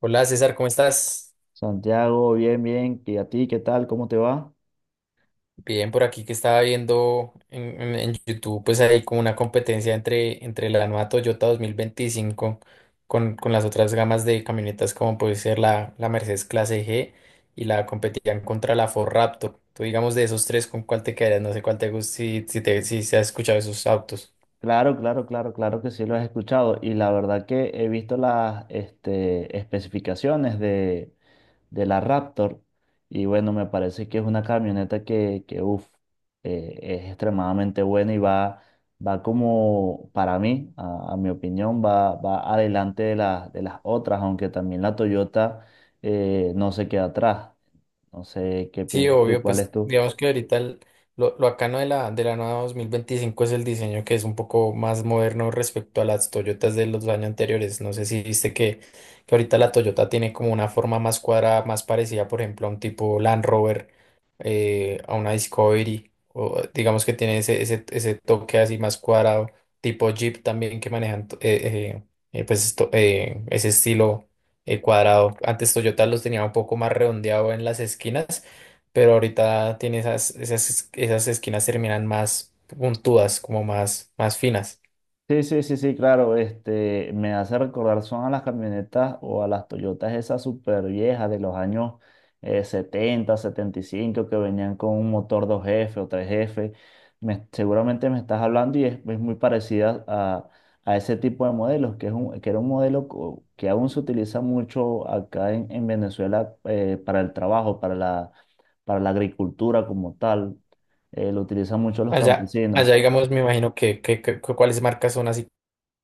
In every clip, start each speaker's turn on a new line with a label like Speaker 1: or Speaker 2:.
Speaker 1: Hola César, ¿cómo estás?
Speaker 2: Santiago, bien, bien. ¿Y a ti qué tal? ¿Cómo te va?
Speaker 1: Bien, por aquí que estaba viendo en YouTube, pues hay como una competencia entre la nueva Toyota 2025 con las otras gamas de camionetas como puede ser la Mercedes Clase G y la competían contra la Ford Raptor. Tú digamos de esos tres, ¿con cuál te quedarías? No sé cuál te gusta, si se has escuchado esos autos.
Speaker 2: Claro, claro, claro, claro que sí lo has escuchado. Y la verdad que he visto las este, especificaciones de la Raptor. Y bueno, me parece que es una camioneta que uf, es extremadamente buena y va como, para mí, a mi opinión, va adelante de las otras, aunque también la Toyota no se queda atrás. No sé qué
Speaker 1: Sí,
Speaker 2: piensas tú,
Speaker 1: obvio,
Speaker 2: cuál
Speaker 1: pues
Speaker 2: es tú.
Speaker 1: digamos que lo bacano de la nueva 2025 es el diseño que es un poco más moderno respecto a las Toyotas de los años anteriores. No sé si viste que ahorita la Toyota tiene como una forma más cuadrada, más parecida, por ejemplo, a un tipo Land Rover, a una Discovery, o digamos que tiene ese toque así más cuadrado, tipo Jeep también que manejan ese estilo cuadrado. Antes Toyota los tenía un poco más redondeado en las esquinas, pero ahorita tiene esas esquinas terminan más puntudas, como más, más finas.
Speaker 2: Sí, sí, sí, sí, claro, este, me hace recordar, son a las camionetas o a las Toyotas esas súper viejas de los años 70, 75 que venían con un motor dos f o tres f. Seguramente me estás hablando y es muy parecida a ese tipo de modelos, que era un modelo que aún se utiliza mucho acá en Venezuela para el trabajo, para la agricultura como tal. Lo utilizan mucho los
Speaker 1: Allá, allá,
Speaker 2: campesinos.
Speaker 1: digamos, me imagino que cuáles marcas son así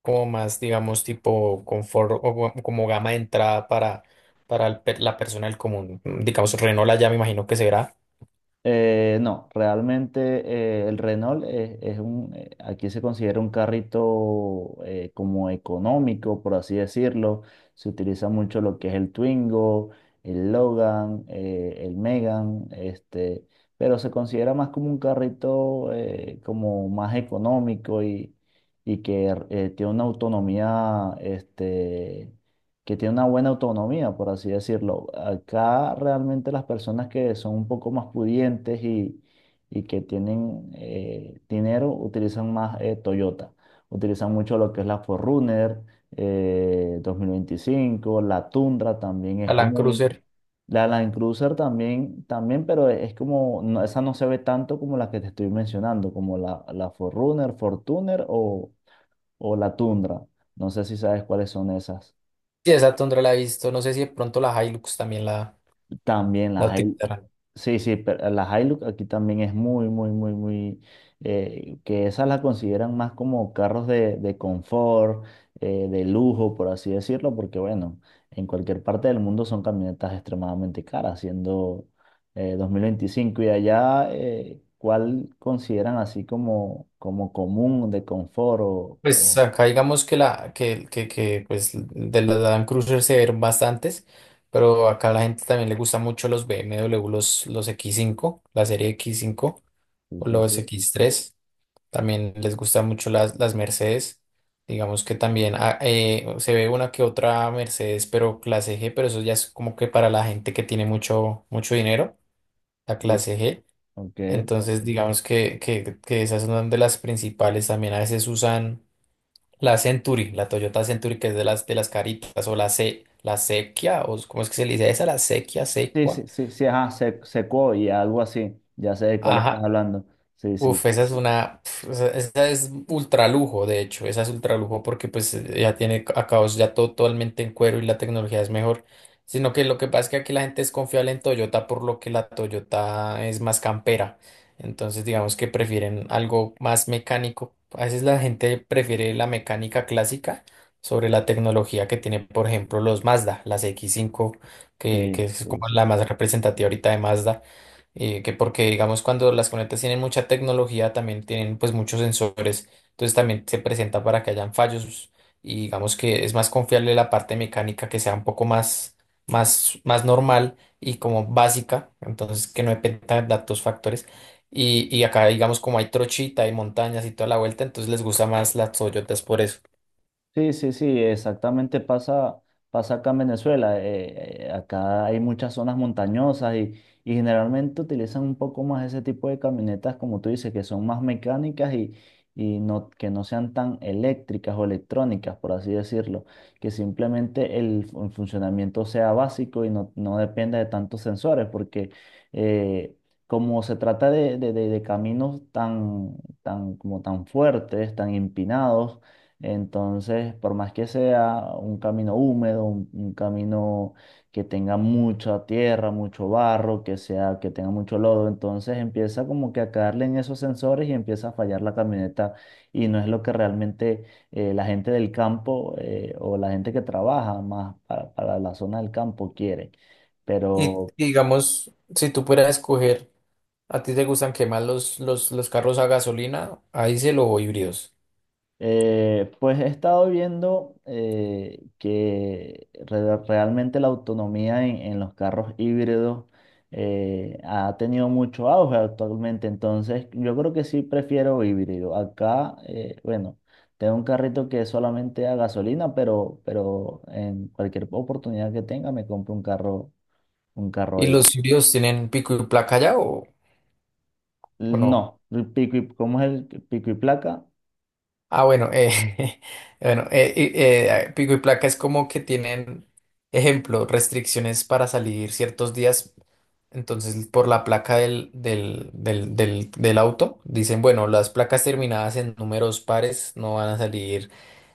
Speaker 1: como más, digamos, tipo confort o como gama de entrada para, para la persona del común. Mm, digamos, Renault allá me imagino que será.
Speaker 2: No, realmente el Renault aquí se considera un carrito como económico, por así decirlo. Se utiliza mucho lo que es el Twingo, el Logan, el Megan, este, pero se considera más como un carrito como más económico y que tiene una autonomía este, que tiene una buena autonomía, por así decirlo. Acá realmente las personas que son un poco más pudientes y que tienen dinero utilizan más Toyota. Utilizan mucho lo que es la 4 2025. La Tundra también
Speaker 1: La
Speaker 2: es
Speaker 1: Land
Speaker 2: muy...
Speaker 1: Cruiser.
Speaker 2: La Land Cruiser también, también, pero es como, esa no se ve tanto como la que te estoy mencionando, como la 4 Fortuner o la Tundra. No sé si sabes cuáles son esas.
Speaker 1: Sí, esa Tundra la he visto. No sé si de pronto la Hilux también
Speaker 2: También
Speaker 1: la
Speaker 2: las hay,
Speaker 1: utilizarán.
Speaker 2: sí, sí, pero las Hilux aquí también es muy, muy, muy, muy, que esas las consideran más como carros de confort, de lujo, por así decirlo, porque bueno, en cualquier parte del mundo son camionetas extremadamente caras, siendo 2025. Y allá, ¿cuál consideran así como, como común de confort
Speaker 1: Pues acá digamos que pues de las Land Cruiser se ven bastantes, pero acá a la gente también le gusta mucho los BMW, los X5, la serie X5
Speaker 2: sí,
Speaker 1: o
Speaker 2: sí,
Speaker 1: los
Speaker 2: sí,
Speaker 1: X3. También les gusta mucho las Mercedes. Digamos que también se ve una que otra Mercedes, pero clase G, pero eso ya es como que para la gente que tiene mucho, mucho dinero, la
Speaker 2: sí,
Speaker 1: clase G.
Speaker 2: ok.
Speaker 1: Entonces digamos que esas son de las principales. También a veces usan la Century, la Toyota Century, que es de las caritas, o la C, la Sequia, o ¿cómo es que se le dice esa? La Sequia,
Speaker 2: Sí,
Speaker 1: Secua.
Speaker 2: sí, sí, sí, ajá, Sequoia, algo así. Ya sé de cuál estás
Speaker 1: Ajá,
Speaker 2: hablando. Sí, sí,
Speaker 1: uf, esa es una, pf, esa es ultra lujo, de hecho, esa es ultra lujo porque pues ya tiene acabados ya todo totalmente en cuero y la tecnología es mejor, sino que lo que pasa es que aquí la gente es confiable en Toyota por lo que la Toyota es más campera, entonces digamos que prefieren algo más mecánico, a veces la gente prefiere la mecánica clásica sobre la tecnología que tiene, por ejemplo, los Mazda, las X5, que
Speaker 2: sí,
Speaker 1: es
Speaker 2: sí,
Speaker 1: como
Speaker 2: sí.
Speaker 1: la más representativa ahorita de Mazda que porque digamos cuando las conectas tienen mucha tecnología también tienen pues muchos sensores, entonces también se presenta para que hayan fallos y digamos que es más confiable la parte mecánica que sea un poco más, más normal y como básica, entonces que no dependa de datos factores. Y acá digamos como hay trochita y montañas y toda la vuelta, entonces les gusta más las Toyotas por eso.
Speaker 2: Sí, sí, sí, exactamente pasa acá en Venezuela. Acá hay muchas zonas montañosas y generalmente utilizan un poco más ese tipo de camionetas, como tú dices, que son más mecánicas y no, que no sean tan eléctricas o electrónicas, por así decirlo. Que simplemente funcionamiento sea básico y no, no dependa de tantos sensores, porque eh, como se trata de caminos tan, como tan fuertes, tan empinados, entonces, por más que sea un camino húmedo, un camino que tenga mucha tierra, mucho barro, que sea, que tenga mucho lodo, entonces empieza como que a caerle en esos sensores y empieza a fallar la camioneta. Y no es lo que realmente la gente del campo o la gente que trabaja más para la zona del campo quiere. Pero,
Speaker 1: Y digamos, si tú pudieras escoger, ¿a ti te gustan que más los carros a gasolina, ahí se o híbridos?
Speaker 2: Pues he estado viendo que realmente la autonomía en los carros híbridos ha tenido mucho auge actualmente, entonces yo creo que sí prefiero híbrido. Acá, bueno, tengo un carrito que es solamente a gasolina, pero en cualquier oportunidad que tenga me compro un carro, un
Speaker 1: ¿Y
Speaker 2: carro
Speaker 1: los
Speaker 2: híbrido.
Speaker 1: sirios tienen pico y placa ya o no?
Speaker 2: No, ¿cómo es el pico y placa?
Speaker 1: Ah, bueno, bueno, pico y placa es como que tienen, ejemplo, restricciones para salir ciertos días. Entonces, por la placa del auto, dicen, bueno, las placas terminadas en números pares no van a salir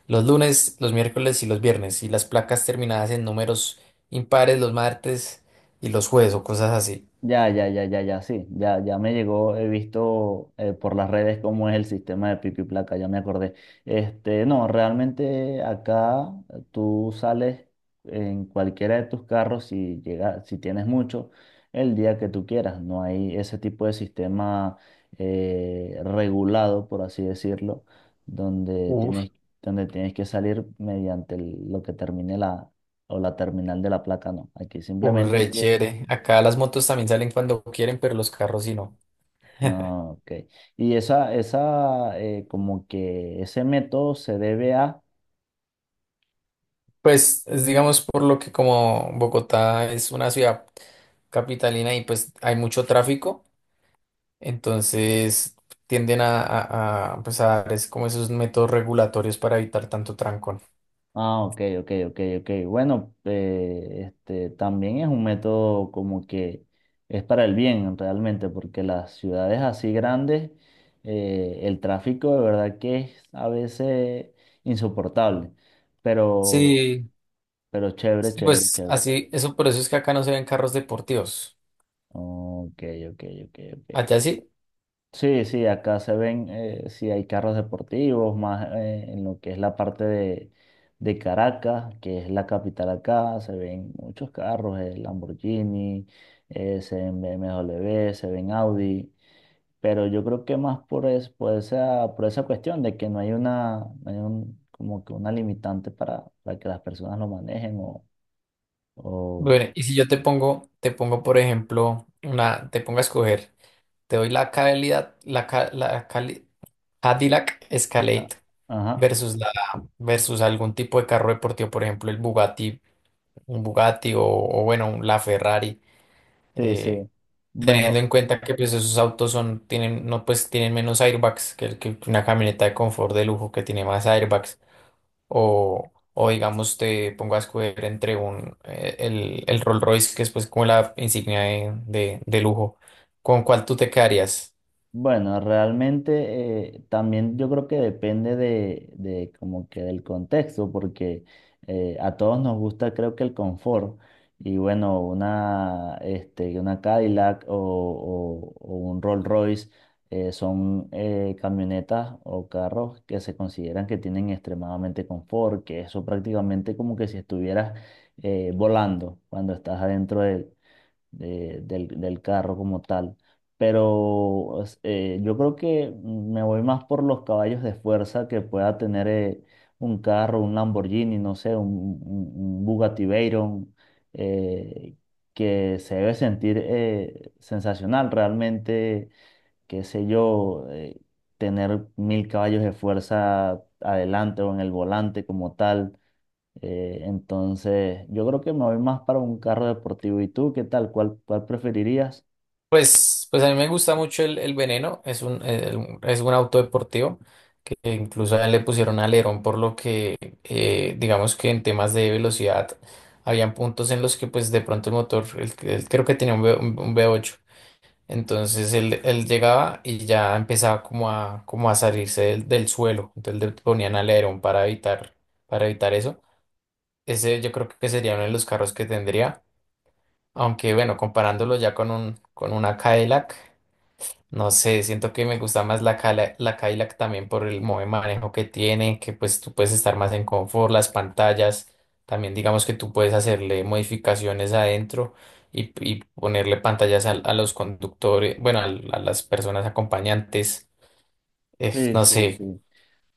Speaker 1: los lunes, los miércoles y los viernes. Y las placas terminadas en números impares los martes y los jueves o cosas así.
Speaker 2: Ya, ya, ya, ya, ya, sí, ya, ya me llegó, he visto por las redes cómo es el sistema de pico y placa, ya me acordé. Este, no, realmente acá tú sales en cualquiera de tus carros si llega, si tienes mucho, el día que tú quieras. No hay ese tipo de sistema regulado, por así decirlo, donde tienes, donde tienes que salir mediante lo que termine la, o la terminal de la placa, no. Aquí
Speaker 1: Uy,
Speaker 2: simplemente
Speaker 1: re
Speaker 2: tienes.
Speaker 1: chévere. Acá las motos también salen cuando quieren, pero los carros sí no.
Speaker 2: Ah, ok. Y como que ese método se debe a.
Speaker 1: Pues es, digamos por lo que como Bogotá es una ciudad capitalina y pues hay mucho tráfico, entonces tienden pues, a dar es como esos métodos regulatorios para evitar tanto trancón.
Speaker 2: Ah, ok, ok, ok, ok. Bueno, este también es un método como que es para el bien realmente, porque las ciudades así grandes, el tráfico de verdad que es a veces insoportable. Pero,
Speaker 1: Sí,
Speaker 2: pero chévere,
Speaker 1: sí,
Speaker 2: chévere,
Speaker 1: pues
Speaker 2: chévere.
Speaker 1: así, eso por eso es que acá no se ven carros deportivos.
Speaker 2: Ok, ok, ok, ok.
Speaker 1: Allá sí.
Speaker 2: Sí, sí, acá se ven, sí hay carros deportivos, más en lo que es la parte de Caracas, que es la capital acá, se ven muchos carros, Lamborghini, se ven BMW, se ven Audi, pero yo creo que más por esa cuestión de que no hay una, no hay un- como que una limitante para que las personas lo manejen o-
Speaker 1: Bueno, y si yo te pongo por ejemplo, una, te pongo a escoger. Te doy la calidad, la Cadillac Escalade
Speaker 2: ah, ajá,
Speaker 1: versus la versus algún tipo de carro deportivo, por ejemplo, el Bugatti, un Bugatti o, bueno, la Ferrari,
Speaker 2: sí, sí.
Speaker 1: eh, teniendo
Speaker 2: Bueno.
Speaker 1: en cuenta que pues esos autos son tienen no pues tienen menos airbags que una camioneta de confort de lujo que tiene más airbags o digamos te pongo a escoger entre un el Rolls Royce que es pues como la insignia de de lujo, ¿con cuál tú te quedarías?
Speaker 2: Bueno, realmente también yo creo que depende de como que del contexto, porque a todos nos gusta creo que el confort y bueno, una, este, una Cadillac o, o un Rolls Royce son camionetas o carros que se consideran que tienen extremadamente confort, que eso prácticamente como que si estuvieras volando cuando estás adentro de él del carro como tal. Pero yo creo que me voy más por los caballos de fuerza que pueda tener un carro, un Lamborghini, no sé, un Bugatti Veyron, eh, que se debe sentir sensacional realmente, qué sé yo, tener 1.000 caballos de fuerza adelante o en el volante como tal. Entonces, yo creo que me voy más para un carro deportivo. ¿Y tú qué tal? ¿Cuál, cuál preferirías?
Speaker 1: Pues a mí me gusta mucho el Veneno, es un, es un auto deportivo que incluso a él le pusieron alerón por lo que digamos que en temas de velocidad habían puntos en los que pues de pronto el motor, creo que tenía un, un V8, entonces él llegaba y ya empezaba como a, como a salirse del, del suelo, entonces le ponían alerón para evitar eso. Ese yo creo que sería uno de los carros que tendría, aunque bueno, comparándolo ya con un, con una Cadillac. No sé, siento que me gusta más la Cadillac también por el modo de manejo que tiene, que pues tú puedes estar más en confort, las pantallas, también digamos que tú puedes hacerle modificaciones adentro y ponerle pantallas a los conductores, bueno, a las personas acompañantes,
Speaker 2: Sí,
Speaker 1: no
Speaker 2: sí,
Speaker 1: sé,
Speaker 2: sí.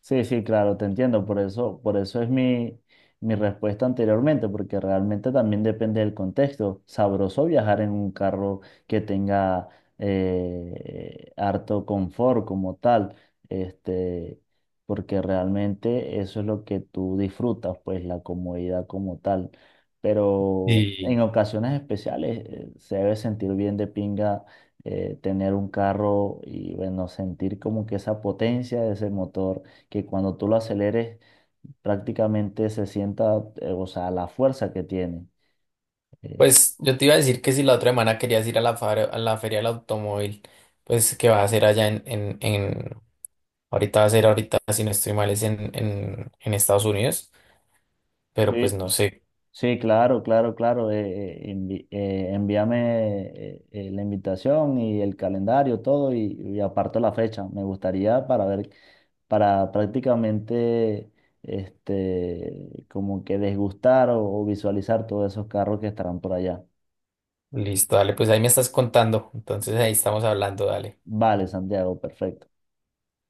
Speaker 2: Sí, sí, claro, te entiendo. Por eso es mi respuesta anteriormente, porque realmente también depende del contexto. Sabroso viajar en un carro que tenga harto confort como tal, este, porque realmente eso es lo que tú disfrutas, pues la comodidad como tal. Pero
Speaker 1: y
Speaker 2: en ocasiones especiales se debe sentir bien de pinga. Tener un carro y bueno, sentir como que esa potencia de ese motor que cuando tú lo aceleres prácticamente se sienta, o sea, la fuerza que tiene. Eh,
Speaker 1: pues yo te iba a decir que si la otra semana querías ir a a la feria del automóvil, pues que va a hacer allá en, ahorita va a ser ahorita, si no estoy mal, es en, en Estados Unidos. Pero pues
Speaker 2: sí,
Speaker 1: no sé.
Speaker 2: sí, claro, claro, claro. Envíame la invitación y el calendario, todo, y aparto la fecha. Me gustaría para ver, para prácticamente, este, como que desgustar o visualizar todos esos carros que estarán por allá.
Speaker 1: Listo, dale, pues ahí me estás contando. Entonces ahí estamos hablando, dale.
Speaker 2: Vale, Santiago, perfecto.